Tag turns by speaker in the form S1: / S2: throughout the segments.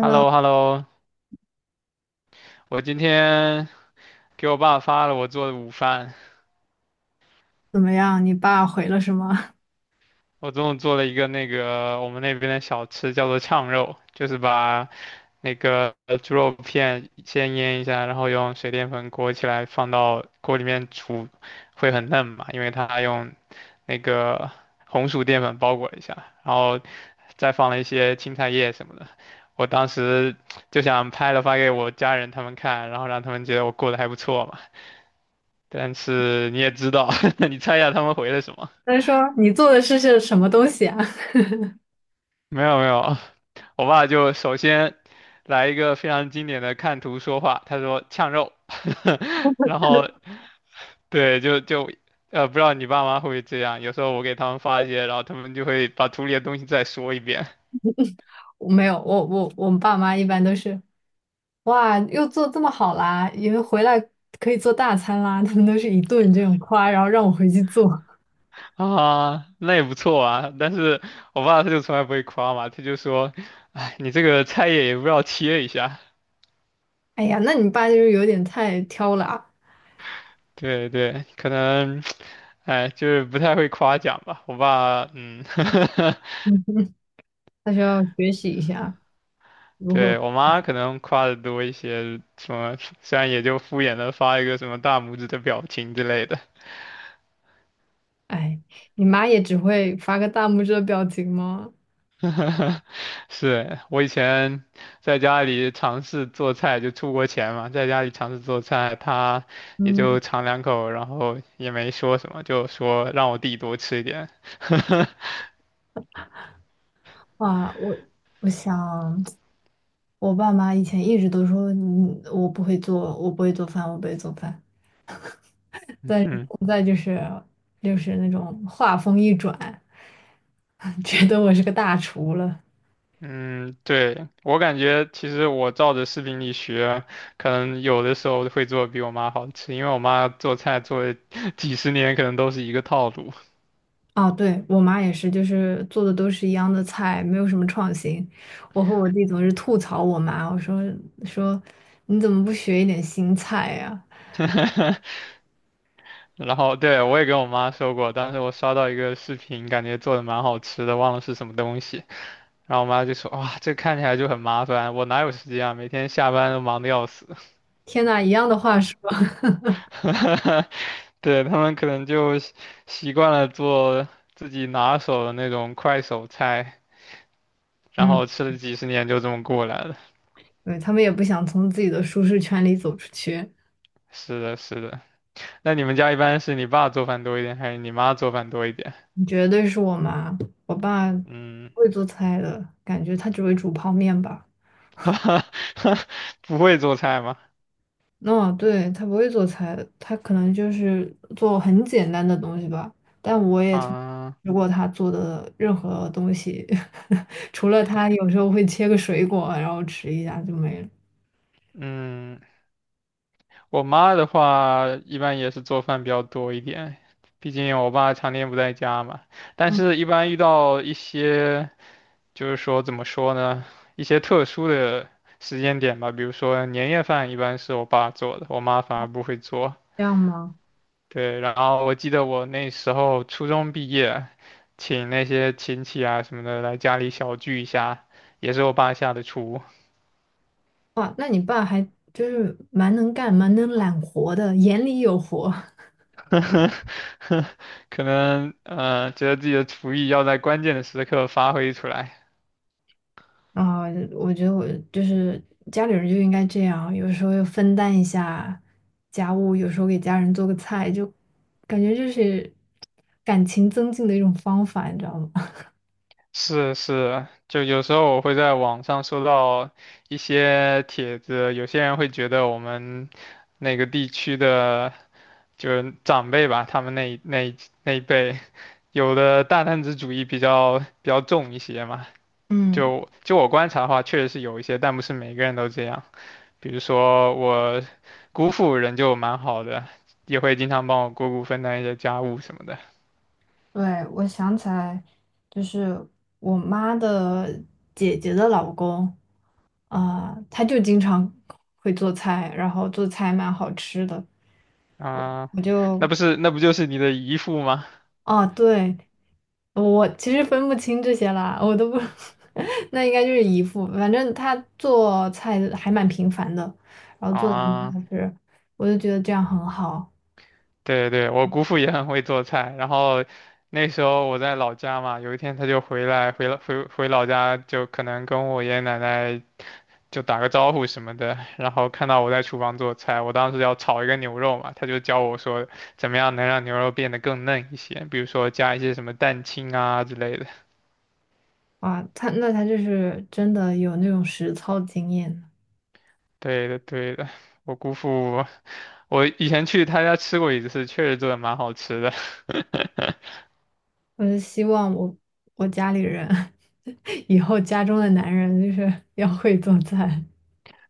S1: h e l l o h e l l o 我今天给我爸发了我做的午饭。
S2: 怎么样？你爸回了什么？
S1: 我中午做了一个那个我们那边的小吃，叫做炝肉，就是把那个猪肉片先腌一下，然后用水淀粉裹起来，放到锅里面煮，会很嫩嘛，因为它用那个红薯淀粉包裹一下，然后再放了一些青菜叶什么的。我当时就想拍了发给我家人他们看，然后让他们觉得我过得还不错嘛。但是你也知道，你猜一下他们回了什么？
S2: 他说你做的事是什么东西啊？
S1: 没有没有，我爸就首先来一个非常经典的看图说话，他说呛肉，然后对，就不知道你爸妈会不会这样？有时候我给他们发一些，然后他们就会把图里的东西再说一遍
S2: 我没有，我我们爸妈一般都是，哇，又做这么好啦，因为回来可以做大餐啦，他们都是一顿这种夸，然后让我回去做。
S1: 啊，那也不错啊。但是我爸他就从来不会夸嘛，他就说，哎，你这个菜叶也不知道切一下。
S2: 哎呀，那你爸就是有点太挑了啊。
S1: 对对，可能，哎，就是不太会夸奖吧。我爸，嗯，
S2: 嗯，他需要学习一下如何。
S1: 对，我妈可能夸的多一些，什么，虽然也就敷衍的发一个什么大拇指的表情之类的。
S2: 哎，你妈也只会发个大拇指的表情吗？
S1: 是我以前在家里尝试做菜，就出国前嘛，在家里尝试做菜，他也
S2: 嗯，
S1: 就尝两口，然后也没说什么，就说让我弟多吃一点。
S2: 哇，我想。我爸妈以前一直都说，嗯，我不会做，我不会做饭，我不会做饭。但是
S1: 嗯
S2: 现在就是，就是那种话锋一转，觉得我是个大厨了。
S1: 嗯，对，我感觉其实我照着视频里学，可能有的时候会做得比我妈好吃，因为我妈做菜做了 几十年，可能都是一个套路。
S2: 啊，对，我妈也是，就是做的都是一样的菜，没有什么创新。我和我弟总是吐槽我妈，我说，说你怎么不学一点新菜呀、
S1: 然后对，我也跟我妈说过，当时我刷到一个视频，感觉做的蛮好吃的，忘了是什么东西，然后我妈就说：“哇，这看起来就很麻烦，我哪有时间啊？每天下班都忙得要死。”
S2: 天呐，一样的话说，
S1: 对，他们可能就习惯了做自己拿手的那种快手菜。然
S2: 嗯，
S1: 后吃了几十年就这么过来了。
S2: 对，他们也不想从自己的舒适圈里走出去。
S1: 是的，是的。那你们家一般是你爸做饭多一点，还是你妈做饭多一点？
S2: 你绝对是我妈，我爸不
S1: 嗯，
S2: 会做菜的，感觉他只会煮泡面吧。
S1: 不会做菜吗？
S2: 哦，对，他不会做菜，他可能就是做很简单的东西吧。但我也从
S1: 啊，
S2: 吃过他做的任何东西，除了他有时候会切个水果，然后吃一下就没了。
S1: 嗯，我妈的话一般也是做饭比较多一点，毕竟我爸常年不在家嘛。但
S2: 嗯，
S1: 是，一般遇到一些就是说怎么说呢，一些特殊的时间点吧，比如说年夜饭一般是我爸做的，我妈反而不会做。
S2: 这样吗？
S1: 对，然后我记得我那时候初中毕业，请那些亲戚啊什么的来家里小聚一下，也是我爸下的厨。
S2: 哇，那你爸还就是蛮能干、蛮能揽活的，眼里有活。
S1: 可能觉得自己的厨艺要在关键的时刻发挥出来。
S2: 啊，我觉得我就是家里人就应该这样，有时候要分担一下家务，有时候给家人做个菜，就感觉就是感情增进的一种方法，你知道吗？
S1: 是是，就有时候我会在网上收到一些帖子，有些人会觉得我们那个地区的就是长辈吧，他们那一辈，有的大男子主义比较重一些嘛。
S2: 嗯，
S1: 就我观察的话，确实是有一些，但不是每个人都这样。比如说我姑父人就蛮好的，也会经常帮我姑姑分担一些家务什么的。
S2: 对，我想起来，就是我妈的姐姐的老公啊，他就经常会做菜，然后做菜蛮好吃的，
S1: 啊、
S2: 我
S1: 那
S2: 就
S1: 不是那不就是你的姨父吗？
S2: 啊，对。我其实分不清这些啦，我都不，那应该就是姨父。反正他做菜还蛮频繁的，然后做的
S1: 啊。
S2: 就是，我就觉得这样很好
S1: 对对，我姑父也很会做菜，然后那时候我在老家嘛，有一天他就回来，回了回回老家，就可能跟我爷爷奶奶就打个招呼什么的，然后看到我在厨房做菜，我当时要炒一个牛肉嘛，他就教我说怎么样能让牛肉变得更嫩一些，比如说加一些什么蛋清啊之类的。
S2: 啊。他那他就是真的有那种实操经验。
S1: 对的对的，我姑父，我以前去他家吃过一次，确实做的蛮好吃的。
S2: 我就希望我我家里人 以后家中的男人就是要会做菜。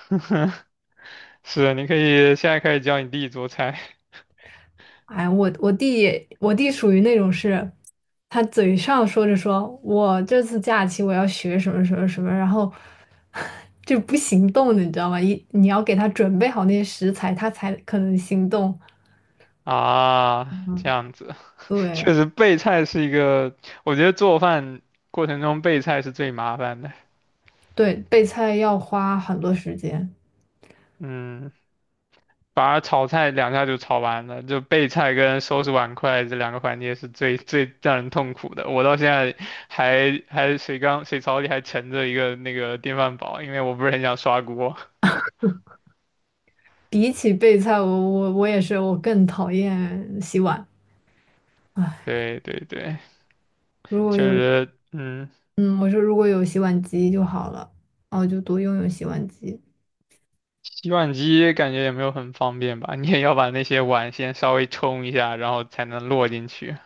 S1: 是，你可以现在开始教你弟做菜。
S2: 哎，我弟也，我弟属于那种是，他嘴上说着说我这次假期我要学什么什么什么，然后 就不行动的，你知道吗？一你要给他准备好那些食材，他才可能行动。
S1: 啊，这
S2: 嗯，
S1: 样子，
S2: 对
S1: 确实备菜是一个，我觉得做饭过程中备菜是最麻烦的。
S2: 对，备菜要花很多时间。
S1: 嗯，反而炒菜两下就炒完了，就备菜跟收拾碗筷这两个环节是最最让人痛苦的。我到现在还水槽里还盛着一个那个电饭煲，因为我不是很想刷锅。
S2: 比起备菜，我也是，我更讨厌洗碗。唉，
S1: 对对对，
S2: 如果
S1: 确
S2: 有，
S1: 实，嗯，
S2: 嗯，我说如果有洗碗机就好了，然后就多用用洗碗机，
S1: 洗碗机感觉也没有很方便吧，你也要把那些碗先稍微冲一下，然后才能落进去。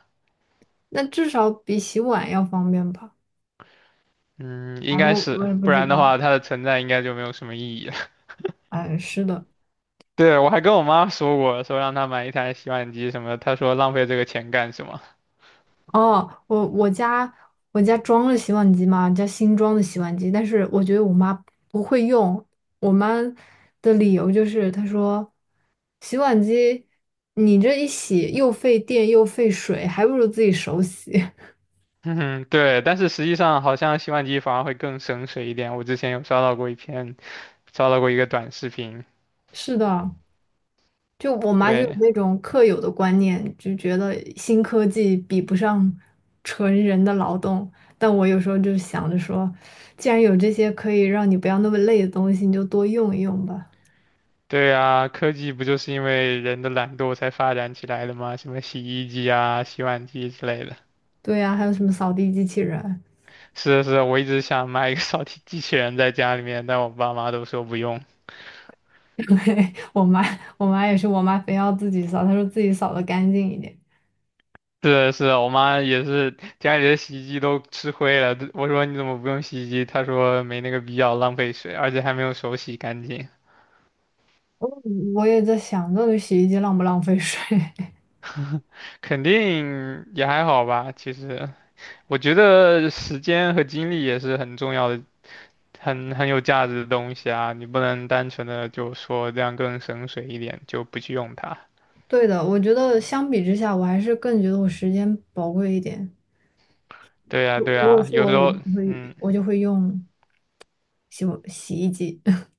S2: 那至少比洗碗要方便吧。
S1: 嗯，应
S2: 哎，
S1: 该
S2: 我
S1: 是，
S2: 也不
S1: 不
S2: 知
S1: 然的
S2: 道。
S1: 话，它的存在应该就没有什么意义了。
S2: 哎，是的。
S1: 对，我还跟我妈说过，说让她买一台洗碗机什么的她说浪费这个钱干什么？
S2: 哦，我家我家装了洗碗机嘛，家新装的洗碗机，但是我觉得我妈不会用。我妈的理由就是她说，洗碗机你这一洗又费电又费水，还不如自己手洗。
S1: 嗯，对，但是实际上好像洗碗机反而会更省水一点。我之前有刷到过一篇，刷到过一个短视频。
S2: 是的，就我妈就有
S1: 对，
S2: 那种刻有的观念，就觉得新科技比不上纯人的劳动。但我有时候就想着说，既然有这些可以让你不要那么累的东西，你就多用一用吧。
S1: 对啊，科技不就是因为人的懒惰才发展起来的吗？什么洗衣机啊、洗碗机之类的。
S2: 对呀、还有什么扫地机器人？
S1: 是的是的，我一直想买一个扫地机器人在家里面，但我爸妈都说不用。
S2: 对，我妈，我妈也是，我妈非要自己扫，她说自己扫的干净一点。
S1: 是的是的我妈也是，家里的洗衣机都吃灰了。我说你怎么不用洗衣机？她说没那个必要，浪费水，而且还没有手洗干净。
S2: 我我也在想，到底洗衣机浪不浪费水？
S1: 肯定也还好吧，其实我觉得时间和精力也是很重要的，很有价值的东西啊。你不能单纯的就说这样更省水一点，就不去用它。
S2: 对的，我觉得相比之下，我还是更觉得我时间宝贵一点。
S1: 对呀，
S2: 如
S1: 对
S2: 如果
S1: 呀，
S2: 是
S1: 有
S2: 我，
S1: 时
S2: 我
S1: 候，
S2: 就会
S1: 嗯，
S2: 我就会用。洗衣机。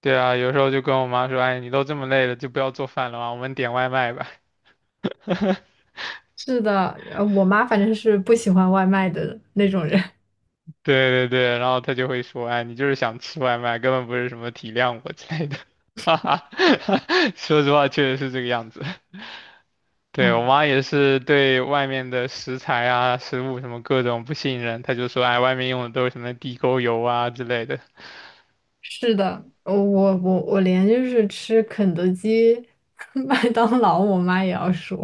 S1: 对啊，有时候就跟我妈说，哎，你都这么累了，就不要做饭了嘛，我们点外卖吧。
S2: 是的，我妈反正是不喜欢外卖的那种人。
S1: 对对对，然后他就会说，哎，你就是想吃外卖，根本不是什么体谅我之类的，哈哈，说实话确实是这个样子。对，
S2: 哎，
S1: 我妈也是对外面的食材啊、食物什么各种不信任，她就说，哎，外面用的都是什么地沟油啊之类的。
S2: 是的，我连就是吃肯德基、麦当劳，我妈也要说。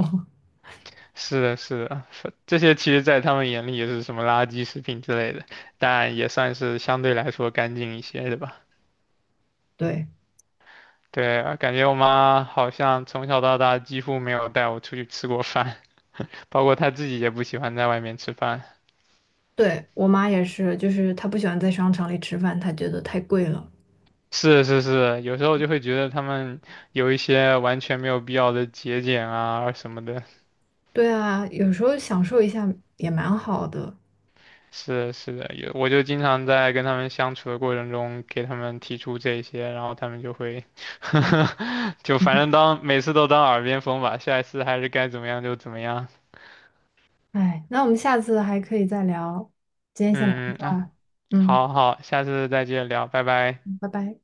S1: 是的，是的，这些其实在他们眼里也是什么垃圾食品之类的，但也算是相对来说干净一些的吧。
S2: 对，
S1: 对，感觉我妈好像从小到大几乎没有带我出去吃过饭。包括他自己也不喜欢在外面吃饭。
S2: 对，我妈也是，就是她不喜欢在商场里吃饭，她觉得太贵了。
S1: 是是是，有时候就会觉得他们有一些完全没有必要的节俭啊什么的。
S2: 对啊，有时候享受一下也蛮好的。
S1: 是是的，我就经常在跟他们相处的过程中给他们提出这些，然后他们就会 就反正当每次都当耳边风吧，下一次还是该怎么样就怎么样。
S2: 哎，那我们下次还可以再聊，今天先聊到
S1: 嗯
S2: 这
S1: 嗯啊，
S2: 儿。嗯，
S1: 好好，下次再接着聊，拜拜。
S2: 拜拜。